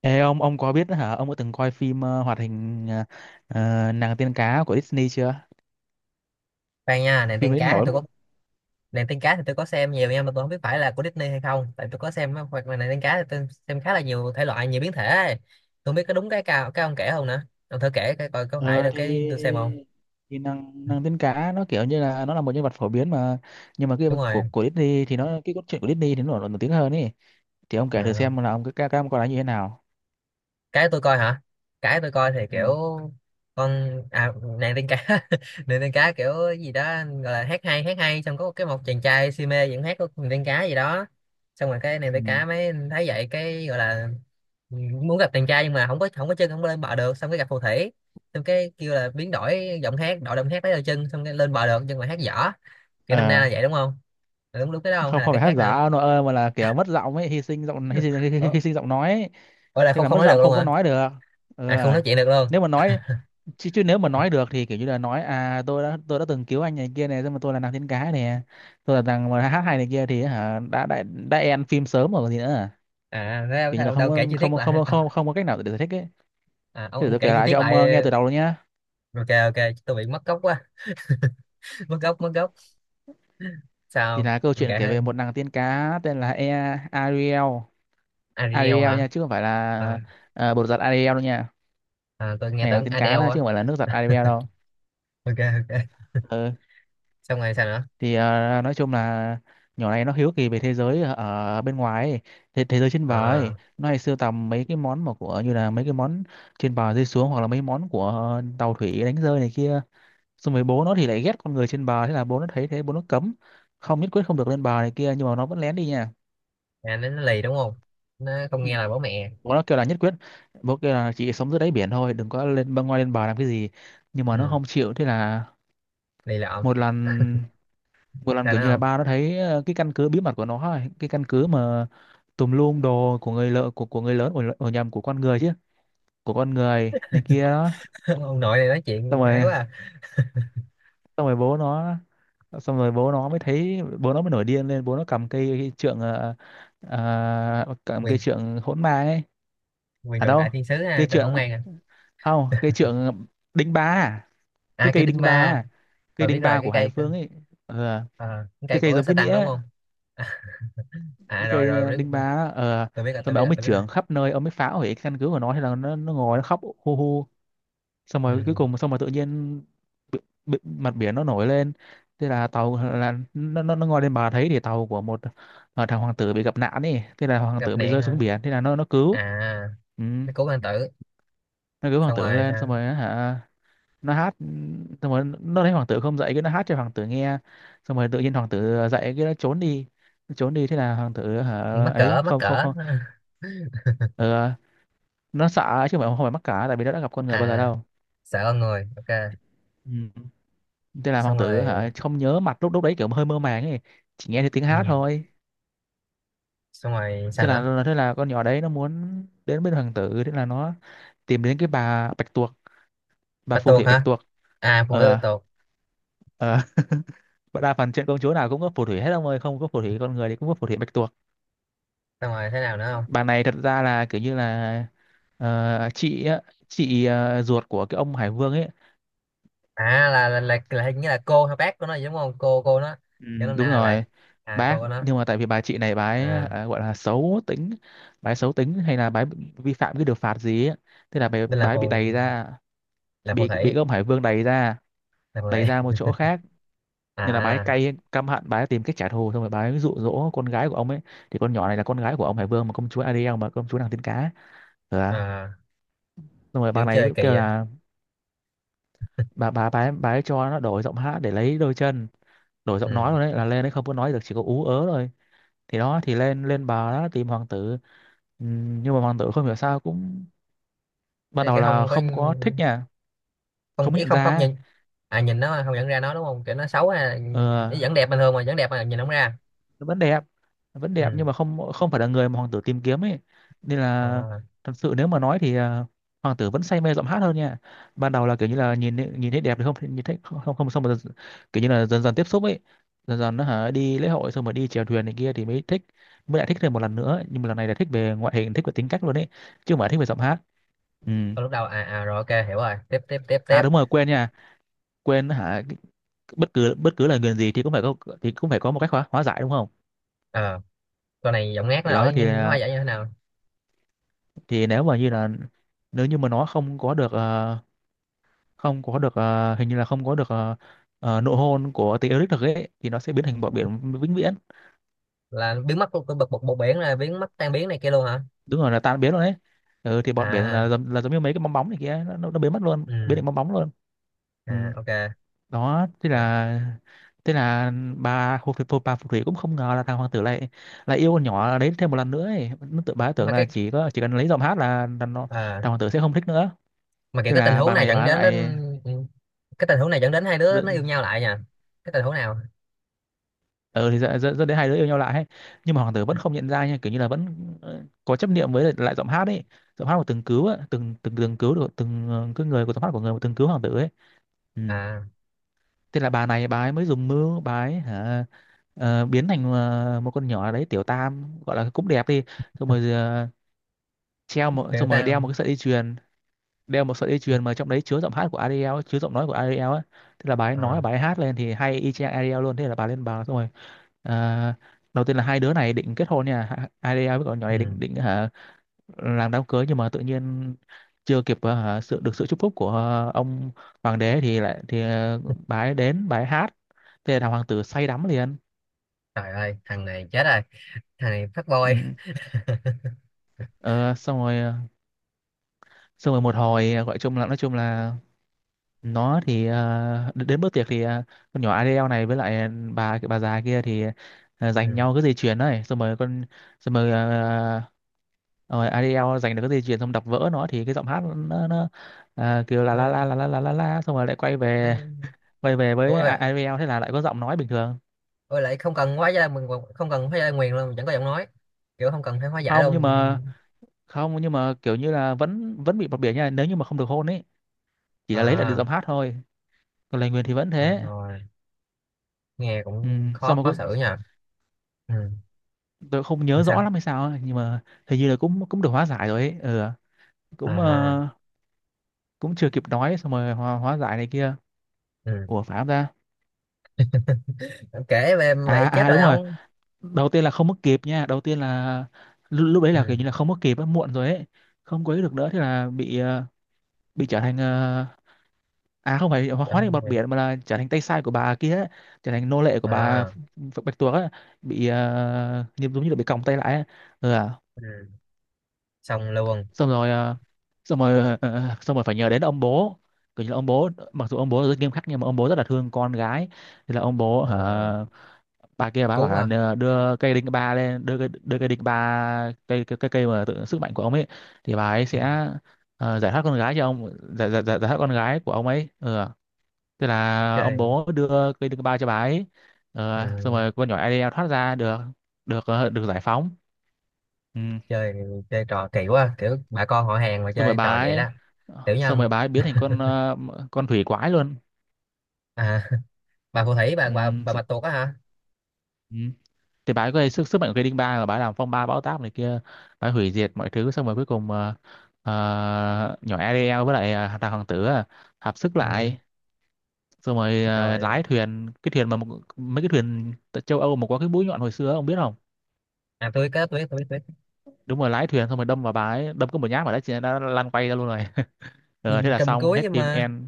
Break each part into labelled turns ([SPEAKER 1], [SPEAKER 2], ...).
[SPEAKER 1] Ê, ông có biết hả, ông có từng coi phim hoạt hình nàng tiên cá của Disney chưa?
[SPEAKER 2] Khoan nha,
[SPEAKER 1] Phim đấy nổi lắm luôn.
[SPEAKER 2] nàng tiên cá thì tôi có xem nhiều nha, mà tôi không biết phải là của Disney hay không, tại tôi có xem á, hoặc là nàng tiên cá thì tôi xem khá là nhiều thể loại, nhiều biến thể ấy. Tôi không biết có đúng cái cao cái ông kể không nữa. Ông thử kể cái coi có phải
[SPEAKER 1] ờ
[SPEAKER 2] là
[SPEAKER 1] thì
[SPEAKER 2] cái tôi xem không.
[SPEAKER 1] thì nàng nàng tiên cá nó kiểu như là nó là một nhân vật phổ biến mà, nhưng mà cái
[SPEAKER 2] Đúng
[SPEAKER 1] của
[SPEAKER 2] rồi.
[SPEAKER 1] của Disney thì nó, cái cốt truyện của Disney thì nó nổi nổi tiếng hơn ấy. Thì ông kể thử
[SPEAKER 2] À,
[SPEAKER 1] xem là ông, cái các ông coi nó như thế nào.
[SPEAKER 2] cái tôi coi hả? Cái tôi coi thì
[SPEAKER 1] Ừ.
[SPEAKER 2] kiểu con, à, nàng tiên cá. Nàng tiên cá kiểu gì đó gọi là hát hay, hát hay, xong có một cái, một chàng trai si mê vẫn hát của nàng tiên cá gì đó, xong rồi cái nàng
[SPEAKER 1] Ừ.
[SPEAKER 2] tiên cá mới thấy vậy cái gọi là muốn gặp chàng trai, nhưng mà không có chân, không có lên bờ được, xong cái gặp phù thủy, xong cái kêu là biến đổi giọng hát, đổi giọng hát lấy đôi chân, xong cái lên bờ được nhưng mà hát dở. Kiểu năm nay
[SPEAKER 1] ờ
[SPEAKER 2] là vậy đúng không? Là đúng, cái đó không hay
[SPEAKER 1] Không,
[SPEAKER 2] là
[SPEAKER 1] không
[SPEAKER 2] cái
[SPEAKER 1] phải hát
[SPEAKER 2] khác nữa?
[SPEAKER 1] giả nó ơi, mà là kiểu mất giọng ấy, hy sinh hy, hy,
[SPEAKER 2] Ờ.
[SPEAKER 1] hy sinh giọng nói ấy.
[SPEAKER 2] Ủa là
[SPEAKER 1] Thế
[SPEAKER 2] không,
[SPEAKER 1] là
[SPEAKER 2] không
[SPEAKER 1] mất
[SPEAKER 2] nói
[SPEAKER 1] giọng,
[SPEAKER 2] được luôn
[SPEAKER 1] không có
[SPEAKER 2] hả?
[SPEAKER 1] nói được. Ừ.
[SPEAKER 2] À không nói
[SPEAKER 1] À.
[SPEAKER 2] chuyện được luôn.
[SPEAKER 1] nếu mà nói chứ chứ nếu mà nói được thì kiểu như là nói à, tôi đã từng cứu anh này kia này, nhưng mà tôi là nàng tiên cá nè, tôi là nàng mà hát hay này kia, thì hả đã end phim sớm rồi còn gì nữa à?
[SPEAKER 2] À thế ông,
[SPEAKER 1] Kiểu như là không
[SPEAKER 2] đâu
[SPEAKER 1] có
[SPEAKER 2] kể chi tiết
[SPEAKER 1] không
[SPEAKER 2] lại
[SPEAKER 1] không không
[SPEAKER 2] ha?
[SPEAKER 1] không có cách nào để giải thích ấy.
[SPEAKER 2] À,
[SPEAKER 1] Thì
[SPEAKER 2] ông
[SPEAKER 1] tôi
[SPEAKER 2] kể
[SPEAKER 1] kể
[SPEAKER 2] chi
[SPEAKER 1] lại cho
[SPEAKER 2] tiết
[SPEAKER 1] ông
[SPEAKER 2] lại.
[SPEAKER 1] nghe từ đầu luôn nhá.
[SPEAKER 2] Ok, ok. Tôi bị mất gốc quá. Mất gốc, mất gốc.
[SPEAKER 1] Thì
[SPEAKER 2] Sao
[SPEAKER 1] là câu
[SPEAKER 2] ông
[SPEAKER 1] chuyện
[SPEAKER 2] kể
[SPEAKER 1] kể
[SPEAKER 2] ha?
[SPEAKER 1] về một nàng tiên cá tên là Ariel.
[SPEAKER 2] Ariel
[SPEAKER 1] Ariel
[SPEAKER 2] hả?
[SPEAKER 1] nha, chứ không phải là
[SPEAKER 2] À,
[SPEAKER 1] bột giặt Ariel đâu nha.
[SPEAKER 2] à, tôi nghe
[SPEAKER 1] Này, nàng
[SPEAKER 2] tưởng
[SPEAKER 1] tiên
[SPEAKER 2] Adele
[SPEAKER 1] cá đó
[SPEAKER 2] á.
[SPEAKER 1] chứ không phải là nước giặt Ariel đâu.
[SPEAKER 2] Ok, ok.
[SPEAKER 1] Ừ.
[SPEAKER 2] Xong rồi sao nữa?
[SPEAKER 1] Thì nói chung là nhỏ này nó hiếu kỳ về thế giới ở ở bên ngoài ấy, thế giới trên bờ ấy.
[SPEAKER 2] À,
[SPEAKER 1] Nó hay sưu tầm mấy cái món mà của, như là mấy cái món trên bờ rơi xuống, hoặc là mấy món của tàu thủy đánh rơi này kia. Xong rồi bố nó thì lại ghét con người trên bờ, thế là bố nó thấy thế bố nó cấm, không, nhất quyết không được lên bờ này kia, nhưng mà nó vẫn lén đi nha.
[SPEAKER 2] à nó lì đúng không? Nó không
[SPEAKER 1] Ừ.
[SPEAKER 2] nghe lời bố mẹ.
[SPEAKER 1] Bố nó kêu là nhất quyết, bố kêu là chị sống dưới đáy biển thôi, đừng có lên băng ngoài lên bờ làm cái gì. Nhưng mà nó
[SPEAKER 2] Ừ,
[SPEAKER 1] không chịu, thế là
[SPEAKER 2] lì lợm.
[SPEAKER 1] một lần vừa lần
[SPEAKER 2] Sao
[SPEAKER 1] kiểu
[SPEAKER 2] nữa
[SPEAKER 1] như là
[SPEAKER 2] không?
[SPEAKER 1] ba nó thấy cái căn cứ bí mật của nó ấy, cái căn cứ mà tùm lum đồ của người lợ, của người lớn, ở, ở nhầm của con người chứ, của con người này kia đó.
[SPEAKER 2] Ông nội này nói
[SPEAKER 1] xong
[SPEAKER 2] chuyện ấy
[SPEAKER 1] rồi
[SPEAKER 2] quá à.
[SPEAKER 1] xong rồi bố nó xong rồi bố nó mới thấy, bố nó mới nổi điên lên, bố nó cầm cây cái trượng cầm cây
[SPEAKER 2] Quyền,
[SPEAKER 1] trượng hỗn ma ấy.
[SPEAKER 2] quyền
[SPEAKER 1] À
[SPEAKER 2] trượng
[SPEAKER 1] đâu,
[SPEAKER 2] đại thiên sứ ha
[SPEAKER 1] cây
[SPEAKER 2] trần khổng
[SPEAKER 1] trượng.
[SPEAKER 2] an à?
[SPEAKER 1] Không, cây trượng, đinh ba à? Cái
[SPEAKER 2] À cây
[SPEAKER 1] cây
[SPEAKER 2] đinh
[SPEAKER 1] đinh ba
[SPEAKER 2] ba.
[SPEAKER 1] à? Cây
[SPEAKER 2] Rồi biết
[SPEAKER 1] đinh
[SPEAKER 2] rồi
[SPEAKER 1] ba
[SPEAKER 2] cái
[SPEAKER 1] của Hải
[SPEAKER 2] cây cơ-
[SPEAKER 1] Vương ấy. Ờ.
[SPEAKER 2] ờ, cái
[SPEAKER 1] Cái
[SPEAKER 2] cây
[SPEAKER 1] cây
[SPEAKER 2] của
[SPEAKER 1] giống cái nĩa
[SPEAKER 2] Satan đúng
[SPEAKER 1] ấy.
[SPEAKER 2] không? À,
[SPEAKER 1] Cái
[SPEAKER 2] rồi
[SPEAKER 1] cây
[SPEAKER 2] rồi biết
[SPEAKER 1] đinh
[SPEAKER 2] rồi.
[SPEAKER 1] ba đó. Ờ
[SPEAKER 2] Tôi biết rồi,
[SPEAKER 1] Xong
[SPEAKER 2] tôi
[SPEAKER 1] rồi
[SPEAKER 2] biết
[SPEAKER 1] ông
[SPEAKER 2] rồi,
[SPEAKER 1] mới
[SPEAKER 2] tôi biết rồi.
[SPEAKER 1] chưởng khắp nơi, ông mới phá hủy căn cứ của nó, hay là nó ngồi nó khóc hu hu. Xong rồi cuối
[SPEAKER 2] Ừ.
[SPEAKER 1] cùng, xong rồi tự nhiên bi- mặt biển nó nổi lên. Thế là tàu là nó ngồi lên bờ thấy thì tàu của một thằng hoàng tử bị gặp nạn ấy, thế là hoàng
[SPEAKER 2] Gặp
[SPEAKER 1] tử bị
[SPEAKER 2] nạn
[SPEAKER 1] rơi
[SPEAKER 2] hả?
[SPEAKER 1] xuống biển, thế là nó cứu.
[SPEAKER 2] À
[SPEAKER 1] Ừ.
[SPEAKER 2] nó cứu hoàng tử.
[SPEAKER 1] Nó cứu hoàng
[SPEAKER 2] Xong
[SPEAKER 1] tử
[SPEAKER 2] rồi
[SPEAKER 1] lên, xong
[SPEAKER 2] sao?
[SPEAKER 1] rồi á hả. Nó hát, xong rồi nó thấy hoàng tử không dậy, cái nó hát cho hoàng tử nghe. Xong rồi tự nhiên hoàng tử dậy, cái nó trốn đi. Nó trốn đi, thế là hoàng tử hả.
[SPEAKER 2] Mắc
[SPEAKER 1] Ấy
[SPEAKER 2] cỡ, mắc
[SPEAKER 1] không, không,
[SPEAKER 2] cỡ.
[SPEAKER 1] không. Ờ, nó sợ chứ không phải mắc cỡ, tại vì nó đã gặp con người bao giờ
[SPEAKER 2] À
[SPEAKER 1] đâu.
[SPEAKER 2] sợ con người, ok.
[SPEAKER 1] Ừ. Thế là hoàng
[SPEAKER 2] Xong
[SPEAKER 1] tử
[SPEAKER 2] rồi.
[SPEAKER 1] hả, không nhớ mặt, lúc lúc đấy kiểu hơi mơ màng ấy, chỉ nghe thấy tiếng
[SPEAKER 2] Ừ.
[SPEAKER 1] hát thôi.
[SPEAKER 2] Xong rồi sao
[SPEAKER 1] thế
[SPEAKER 2] nữa?
[SPEAKER 1] là thế là con nhỏ đấy nó muốn đến bên hoàng tử, thế là nó tìm đến cái bà bạch tuộc, bà
[SPEAKER 2] Bắt
[SPEAKER 1] phù
[SPEAKER 2] tuộc
[SPEAKER 1] thủy bạch
[SPEAKER 2] hả?
[SPEAKER 1] tuộc.
[SPEAKER 2] À phụ nữ bắt
[SPEAKER 1] ờ
[SPEAKER 2] tuộc.
[SPEAKER 1] ờ Và đa phần chuyện công chúa nào cũng có phù thủy hết ông ơi, không có phù thủy con người thì cũng có phù thủy bạch tuộc.
[SPEAKER 2] Xong rồi thế nào nữa không?
[SPEAKER 1] Bà này thật ra là kiểu như là chị á, chị ruột của cái ông Hải Vương ấy.
[SPEAKER 2] À là hình như là cô hay bác của nó gì đúng không, cô nó
[SPEAKER 1] Ừ,
[SPEAKER 2] cho nên
[SPEAKER 1] đúng
[SPEAKER 2] là vậy.
[SPEAKER 1] rồi.
[SPEAKER 2] À cô
[SPEAKER 1] Bác,
[SPEAKER 2] của nó.
[SPEAKER 1] nhưng mà tại vì bà chị này, bà ấy
[SPEAKER 2] À
[SPEAKER 1] à, gọi là xấu tính. Bà ấy xấu tính hay là bà ấy vi phạm cái điều phạt gì ấy. Thế là bà,
[SPEAKER 2] nên là
[SPEAKER 1] bà ấy bị
[SPEAKER 2] phù,
[SPEAKER 1] đày ra,
[SPEAKER 2] là phù
[SPEAKER 1] bị cái
[SPEAKER 2] thủy,
[SPEAKER 1] ông Hải Vương đày ra,
[SPEAKER 2] là phù
[SPEAKER 1] đày ra
[SPEAKER 2] thủy.
[SPEAKER 1] một chỗ khác. Nên là bà ấy
[SPEAKER 2] À.
[SPEAKER 1] cay căm hận, bà ấy tìm cách trả thù, xong rồi bà ấy dụ dỗ con gái của ông ấy. Thì con nhỏ này là con gái của ông Hải Vương mà, công chúa Ariel mà, công chúa nàng tiên cá. Ừ. À.
[SPEAKER 2] À
[SPEAKER 1] Xong rồi bà
[SPEAKER 2] kiểu
[SPEAKER 1] này
[SPEAKER 2] chơi
[SPEAKER 1] mới
[SPEAKER 2] kỳ
[SPEAKER 1] kêu
[SPEAKER 2] vậy.
[SPEAKER 1] là bà ấy cho nó đổi giọng hát để lấy đôi chân, đổi giọng
[SPEAKER 2] Ừ,
[SPEAKER 1] nói rồi, đấy là lên đấy không có nói được, chỉ có ú ớ thôi. Thì đó thì lên lên bà đó tìm hoàng tử. Ừ, nhưng mà hoàng tử không hiểu sao cũng, ban
[SPEAKER 2] thế
[SPEAKER 1] đầu
[SPEAKER 2] cái
[SPEAKER 1] là
[SPEAKER 2] không có,
[SPEAKER 1] không có thích nha,
[SPEAKER 2] không
[SPEAKER 1] không có
[SPEAKER 2] ý
[SPEAKER 1] nhận
[SPEAKER 2] không,
[SPEAKER 1] ra
[SPEAKER 2] không
[SPEAKER 1] ấy.
[SPEAKER 2] nhìn? À nhìn nó không nhận ra nó đúng không, kiểu nó xấu à?
[SPEAKER 1] ờ,
[SPEAKER 2] Nó vẫn đẹp bình thường mà, vẫn đẹp mà nhìn không ra.
[SPEAKER 1] nó vẫn đẹp nó vẫn
[SPEAKER 2] Ừ.
[SPEAKER 1] đẹp nhưng mà không không phải là người mà hoàng tử tìm kiếm ấy. Nên là
[SPEAKER 2] À,
[SPEAKER 1] thật sự nếu mà nói thì à, hoàng tử vẫn say mê giọng hát hơn nha. Ban đầu là kiểu như là nhìn nhìn thấy đẹp thì không, nhìn thấy không, không, không xong mà kiểu như là dần dần tiếp xúc ấy. Dần dần nó hả đi lễ hội, xong rồi đi chèo thuyền này kia thì mới thích, mới lại thích thêm một lần nữa, nhưng mà lần này là thích về ngoại hình, thích về tính cách luôn ấy, chứ không phải thích về giọng hát. Ừ.
[SPEAKER 2] thôi lúc đầu à, à rồi ok hiểu rồi, tiếp tiếp tiếp tiếp.
[SPEAKER 1] À đúng rồi, quên nha. Quên hả. Bất cứ lời nguyền gì thì cũng phải có, thì cũng phải có một cách hóa giải đúng không.
[SPEAKER 2] Ờ, con này giọng ngát nó
[SPEAKER 1] Thì đó
[SPEAKER 2] đổi như
[SPEAKER 1] thì
[SPEAKER 2] nó hay vậy như thế nào?
[SPEAKER 1] thì nếu mà như là, nếu như mà nó không có được ờ, không có được ờ, hình như là không có được nụ hôn của tí Eric được ấy thì nó sẽ biến thành bọt biển vĩnh viễn.
[SPEAKER 2] Là biến mất của bực bực bột biển, là biến mất tan biến này kia luôn hả?
[SPEAKER 1] Đúng rồi, là tan biến luôn đấy. Ừ, thì bọt biển
[SPEAKER 2] À.
[SPEAKER 1] là, là giống như mấy cái bong bóng này kia, nó biến mất luôn, biến
[SPEAKER 2] Ừ.
[SPEAKER 1] thành bong bóng luôn. Ừ.
[SPEAKER 2] À ok.
[SPEAKER 1] Đó
[SPEAKER 2] Rồi.
[SPEAKER 1] thế là bà phù thủy cũng không ngờ là thằng hoàng tử lại lại yêu con nhỏ đấy thêm một lần nữa ấy. Nó tự, bà tưởng
[SPEAKER 2] Mà
[SPEAKER 1] là
[SPEAKER 2] cái,
[SPEAKER 1] chỉ cần lấy giọng hát là nó,
[SPEAKER 2] à,
[SPEAKER 1] thằng hoàng tử sẽ không thích nữa.
[SPEAKER 2] mà kiểu
[SPEAKER 1] Thế
[SPEAKER 2] cái tình
[SPEAKER 1] là
[SPEAKER 2] huống
[SPEAKER 1] bà
[SPEAKER 2] này
[SPEAKER 1] này
[SPEAKER 2] dẫn
[SPEAKER 1] bà
[SPEAKER 2] đến, đến.
[SPEAKER 1] lại
[SPEAKER 2] Ừ, cái tình huống này dẫn đến hai đứa nó
[SPEAKER 1] tự-
[SPEAKER 2] yêu nhau lại nha. Cái tình huống nào?
[SPEAKER 1] ờ thì dẫn dẫn dẫn đến hai đứa yêu nhau lại ấy. Nhưng mà hoàng tử vẫn không nhận ra nha, kiểu như là vẫn có chấp niệm với lại lại giọng hát ấy, giọng hát của từng cứu á, từng từng từng cứu được từng cái người của giọng hát của người mà từng cứu hoàng tử ấy. Ừ.
[SPEAKER 2] À
[SPEAKER 1] Thế là bà này bà ấy mới dùng mưu, bà ấy hả biến thành một con nhỏ đấy tiểu tam, gọi là cũng đẹp đi, xong rồi
[SPEAKER 2] kiểu
[SPEAKER 1] đeo
[SPEAKER 2] tao.
[SPEAKER 1] một cái sợi dây chuyền, đeo một sợi dây chuyền mà trong đấy chứa giọng hát của Ariel ấy, chứa giọng nói của Ariel ấy. Thế là bà ấy nói và
[SPEAKER 2] À,
[SPEAKER 1] bà ấy hát lên thì hay y chang Ariel luôn, thế là bà lên, bà xong rồi ờ, đầu tiên là hai đứa này định kết hôn nha, Ariel với con nhỏ này
[SPEAKER 2] ừ.
[SPEAKER 1] định định hả, làm đám cưới, nhưng mà tự nhiên chưa kịp hả, được sự chúc phúc của ông hoàng đế thì lại thì bà ấy đến bà ấy hát, thế là hoàng tử say đắm liền.
[SPEAKER 2] Trời ơi thằng này chết rồi. Thằng này phát
[SPEAKER 1] Ừ.
[SPEAKER 2] boy.
[SPEAKER 1] Ờ, xong rồi xong rồi một hồi gọi chung là nói chung là nó thì đến bữa tiệc thì con nhỏ Adele này với lại bà già kia thì
[SPEAKER 2] Ừ.
[SPEAKER 1] giành nhau cái dây chuyền đấy xong rồi con xong rồi rồi Adele giành được cái dây chuyền xong đập vỡ nó thì cái giọng hát nó kêu là la la
[SPEAKER 2] nó,
[SPEAKER 1] la la la la la xong rồi lại
[SPEAKER 2] nó...
[SPEAKER 1] quay về với
[SPEAKER 2] Ôi vậy.
[SPEAKER 1] IVL thế là lại có giọng nói bình thường.
[SPEAKER 2] Ôi lại không cần hóa giải mình, không cần hóa giải nguyền luôn, chẳng có giọng nói, kiểu không cần phải hóa giải
[SPEAKER 1] Không
[SPEAKER 2] luôn.
[SPEAKER 1] nhưng mà không nhưng mà kiểu như là vẫn vẫn bị bập bỉa nha nếu như mà không được hôn ấy, chỉ là lấy lại được
[SPEAKER 2] À.
[SPEAKER 1] giọng hát thôi, còn lời nguyền thì vẫn
[SPEAKER 2] Rồi,
[SPEAKER 1] thế.
[SPEAKER 2] rồi. Nghe
[SPEAKER 1] Ừ,
[SPEAKER 2] cũng khó,
[SPEAKER 1] xong mà
[SPEAKER 2] khó xử nha. Ừ.
[SPEAKER 1] tôi không
[SPEAKER 2] Làm
[SPEAKER 1] nhớ
[SPEAKER 2] sao?
[SPEAKER 1] rõ lắm hay sao ấy, nhưng mà hình như là cũng cũng được hóa giải rồi ấy, ừ, cũng
[SPEAKER 2] À.
[SPEAKER 1] cũng chưa kịp nói xong rồi hóa giải này kia.
[SPEAKER 2] Ừ.
[SPEAKER 1] Ủa phải không ta?
[SPEAKER 2] Kể về em
[SPEAKER 1] À
[SPEAKER 2] vậy chết
[SPEAKER 1] à
[SPEAKER 2] rồi
[SPEAKER 1] đúng rồi,
[SPEAKER 2] ông.
[SPEAKER 1] đầu tiên là không mất kịp nha, đầu tiên là lúc đấy
[SPEAKER 2] Ừ.
[SPEAKER 1] là kiểu như là không mất kịp á, muộn rồi ấy, không quấy được nữa, thế là bị bị trở thành à không phải hóa
[SPEAKER 2] Cảm
[SPEAKER 1] hóa thành
[SPEAKER 2] ơn
[SPEAKER 1] bọt
[SPEAKER 2] em.
[SPEAKER 1] biển mà là trở thành tay sai của bà kia ấy, trở thành nô lệ của bà
[SPEAKER 2] À.
[SPEAKER 1] Bạch Tuộc á, bị như giống như là bị còng tay lại á. Ừ, à.
[SPEAKER 2] Ừ. Xong luôn.
[SPEAKER 1] Xong rồi xong rồi xong rồi phải nhờ đến ông bố, kiểu như là ông bố mặc dù ông bố rất nghiêm khắc nhưng mà ông bố rất là thương con gái, thì là ông bố hả,
[SPEAKER 2] À.
[SPEAKER 1] bà kia bà bảo
[SPEAKER 2] Cứu
[SPEAKER 1] là
[SPEAKER 2] à?
[SPEAKER 1] đưa cây đinh ba lên, đưa cây đinh ba cây cây mà tự, sức mạnh của ông ấy thì bà ấy
[SPEAKER 2] Ừ.
[SPEAKER 1] sẽ giải thoát con gái cho ông giải giải giải giải thoát con gái của ông ấy. Ừ. À. Thế là ông
[SPEAKER 2] Chơi.
[SPEAKER 1] bố đưa cây đương bao cho bà ấy.
[SPEAKER 2] Ừ.
[SPEAKER 1] Ờ, xong rồi con nhỏ Ariel thoát ra được, được được giải phóng. Ừ.
[SPEAKER 2] Chơi, chơi trò kỳ quá, kiểu bà con họ hàng mà
[SPEAKER 1] Xong rồi
[SPEAKER 2] chơi trò
[SPEAKER 1] bà
[SPEAKER 2] vậy
[SPEAKER 1] ấy
[SPEAKER 2] đó. Tiểu
[SPEAKER 1] xong rồi
[SPEAKER 2] nhân.
[SPEAKER 1] bà ấy biến thành con con thủy quái luôn.
[SPEAKER 2] À bà phù thủy, bà
[SPEAKER 1] Ừ.
[SPEAKER 2] bà bà
[SPEAKER 1] s-
[SPEAKER 2] bạch tuộc á hả?
[SPEAKER 1] ừ. Thì bà ấy có sức sức mạnh của cây đinh ba rồi, bà ấy làm phong ba bão táp này kia, bà ấy hủy diệt mọi thứ, xong rồi cuối cùng nhỏ Ariel với lại thằng hoàng tử à, hợp sức
[SPEAKER 2] Ừ.
[SPEAKER 1] lại xong rồi
[SPEAKER 2] Rồi.
[SPEAKER 1] lái thuyền, cái thuyền mà một, mấy cái thuyền tại châu Âu mà có cái mũi nhọn hồi xưa ông biết không?
[SPEAKER 2] À tôi có, tôi biết, tôi biết, tôi biết.
[SPEAKER 1] Đúng rồi, lái thuyền xong rồi đâm vào bà ấy, đâm có một nhát vào đấy chị ấy đã lăn quay ra luôn rồi. Ờ, thế
[SPEAKER 2] Nhìn
[SPEAKER 1] là
[SPEAKER 2] trầm
[SPEAKER 1] xong
[SPEAKER 2] cuối
[SPEAKER 1] hết
[SPEAKER 2] nhưng
[SPEAKER 1] phim
[SPEAKER 2] mà,
[SPEAKER 1] end.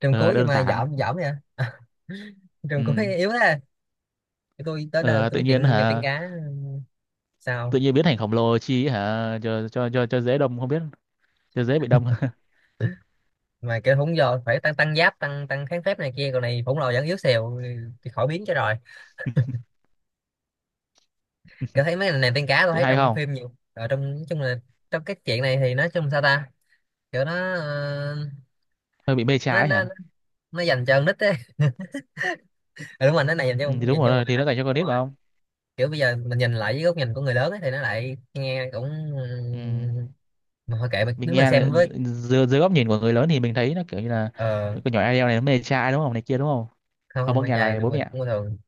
[SPEAKER 2] trầm
[SPEAKER 1] Ờ,
[SPEAKER 2] cuối nhưng
[SPEAKER 1] đơn
[SPEAKER 2] mà
[SPEAKER 1] giản.
[SPEAKER 2] dởm dởm vậy. À.
[SPEAKER 1] Ừ.
[SPEAKER 2] Trầm cuối yếu thế. Cái tôi tới đời
[SPEAKER 1] Ờ,
[SPEAKER 2] tôi
[SPEAKER 1] tự
[SPEAKER 2] biết
[SPEAKER 1] nhiên
[SPEAKER 2] chuyện đẹp tiên
[SPEAKER 1] hả,
[SPEAKER 2] cá. Sao
[SPEAKER 1] tự nhiên biến thành khổng lồ chi hả cho cho dễ đâm không biết, cho dễ bị đâm.
[SPEAKER 2] mà kêu không, giờ phải tăng tăng giáp, tăng tăng kháng phép này kia, còn này khổng lồ vẫn yếu xìu thì khỏi biến cho rồi. Kiểu thấy mấy cái này tiên cá, tôi
[SPEAKER 1] Chị
[SPEAKER 2] thấy
[SPEAKER 1] hay
[SPEAKER 2] trong
[SPEAKER 1] không,
[SPEAKER 2] phim nhiều ở trong, nói chung là trong cái chuyện này thì nói chung sao ta. Kiểu nó ờ,
[SPEAKER 1] hơi bị mê
[SPEAKER 2] nó
[SPEAKER 1] trái
[SPEAKER 2] nó
[SPEAKER 1] hả.
[SPEAKER 2] nó dành cho con nít ấy. Ừ, đúng rồi, nó này dành
[SPEAKER 1] Ừ,
[SPEAKER 2] cho,
[SPEAKER 1] thì đúng
[SPEAKER 2] dành cho người
[SPEAKER 1] rồi thì
[SPEAKER 2] đọc.
[SPEAKER 1] nó dành cho con
[SPEAKER 2] Đúng.
[SPEAKER 1] nít mà không.
[SPEAKER 2] Kiểu bây giờ mình nhìn lại với góc nhìn của người lớn ấy, thì nó lại nghe cũng,
[SPEAKER 1] Ừ.
[SPEAKER 2] mà thôi kệ mình
[SPEAKER 1] Mình
[SPEAKER 2] nếu mình
[SPEAKER 1] nghe là
[SPEAKER 2] xem với.
[SPEAKER 1] dưới góc nhìn của người lớn thì mình thấy nó kiểu như là
[SPEAKER 2] Ờ
[SPEAKER 1] con nhỏ Ariel này nó mê trai đúng không này kia đúng không,
[SPEAKER 2] không,
[SPEAKER 1] không
[SPEAKER 2] không
[SPEAKER 1] có
[SPEAKER 2] mai
[SPEAKER 1] nghe
[SPEAKER 2] trai
[SPEAKER 1] lời
[SPEAKER 2] của
[SPEAKER 1] bố
[SPEAKER 2] mình
[SPEAKER 1] mẹ.
[SPEAKER 2] cũng bình thường.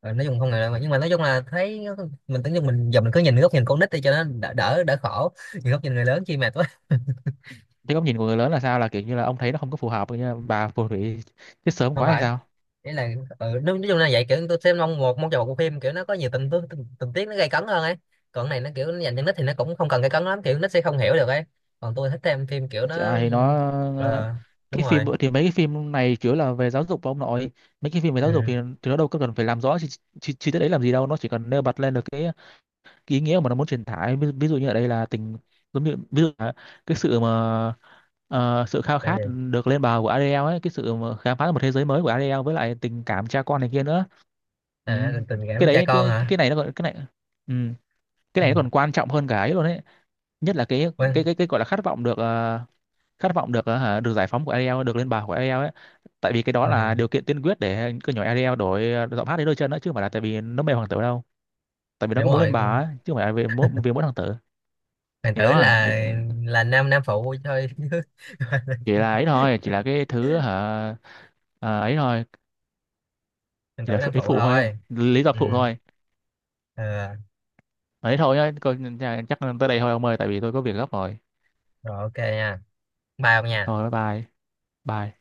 [SPEAKER 2] Ờ, nói chung không ngờ đâu mà, nhưng mà nói chung là thấy mình tưởng như mình giờ mình cứ nhìn góc nhìn con nít đi cho nó đỡ đỡ khổ, nhìn góc nhìn người lớn chi mệt quá.
[SPEAKER 1] Thế góc nhìn của người lớn là sao, là kiểu như là ông thấy nó không có phù hợp, như là bà phù thủy chết sớm
[SPEAKER 2] Không
[SPEAKER 1] quá hay
[SPEAKER 2] phải,
[SPEAKER 1] sao?
[SPEAKER 2] đấy là, ừ, nói chung là vậy, kiểu tôi xem mong một, mong chờ một bộ phim kiểu nó có nhiều tình tiết nó gay cấn hơn ấy. Còn cái này nó kiểu nó dành cho nít thì nó cũng không cần gay cấn lắm, kiểu nít sẽ không hiểu được ấy. Còn tôi thích xem phim kiểu nó
[SPEAKER 1] Chả thì nó
[SPEAKER 2] ừ,
[SPEAKER 1] ờ,
[SPEAKER 2] ờ, đúng
[SPEAKER 1] cái phim
[SPEAKER 2] rồi.
[SPEAKER 1] thì mấy cái phim này chủ yếu là về giáo dục và ông nội, mấy cái phim về
[SPEAKER 2] Ừ.
[SPEAKER 1] giáo dục thì nó đâu có cần phải làm rõ chi tiết đấy làm gì đâu, nó chỉ cần nêu bật lên được cái ý nghĩa mà nó muốn truyền tải ví dụ như ở đây là tình, giống như ví dụ là cái sự mà ờ, sự khao
[SPEAKER 2] Tại
[SPEAKER 1] khát
[SPEAKER 2] vì
[SPEAKER 1] được lên bờ của Ariel ấy, cái sự mà khám phá một thế giới mới của Ariel với lại tình cảm cha con này kia nữa. Ừ.
[SPEAKER 2] à, tình, tình
[SPEAKER 1] Cái
[SPEAKER 2] cảm cha
[SPEAKER 1] đấy
[SPEAKER 2] con
[SPEAKER 1] cái
[SPEAKER 2] hả?
[SPEAKER 1] cái này nó còn cái này, ừ, cái
[SPEAKER 2] Ừ.
[SPEAKER 1] này nó còn quan trọng hơn cả ấy luôn ấy, nhất là cái cái
[SPEAKER 2] Quên.
[SPEAKER 1] cái cái gọi là khát vọng được khát vọng được được giải phóng của Ariel, được lên bảng của Ariel ấy, tại vì cái đó
[SPEAKER 2] Ừ.
[SPEAKER 1] là điều kiện tiên quyết để cứ nhỏ Ariel đổi giọng hát đến đôi chân đó, chứ không phải là tại vì nó mê hoàng tử đâu, tại vì nó
[SPEAKER 2] Đúng
[SPEAKER 1] cũng muốn lên
[SPEAKER 2] rồi.
[SPEAKER 1] bảng ấy, chứ không phải là vì vì mỗi hoàng tử.
[SPEAKER 2] Hoàng
[SPEAKER 1] Thì
[SPEAKER 2] tử
[SPEAKER 1] đó
[SPEAKER 2] là nam nam phụ thôi. Chứ
[SPEAKER 1] chỉ là ấy thôi, chỉ là cái thứ hả ờ, ấy thôi,
[SPEAKER 2] hoàng
[SPEAKER 1] chỉ
[SPEAKER 2] tử
[SPEAKER 1] là
[SPEAKER 2] nam
[SPEAKER 1] ấy
[SPEAKER 2] phụ
[SPEAKER 1] phụ thôi,
[SPEAKER 2] thôi.
[SPEAKER 1] lý do
[SPEAKER 2] Ừ.
[SPEAKER 1] phụ thôi,
[SPEAKER 2] Ờ.
[SPEAKER 1] ấy thôi nhá chắc tới đây thôi ông ơi, tại vì tôi có việc gấp rồi,
[SPEAKER 2] Rồi ok nha. Bao nha.
[SPEAKER 1] thôi bye bye bye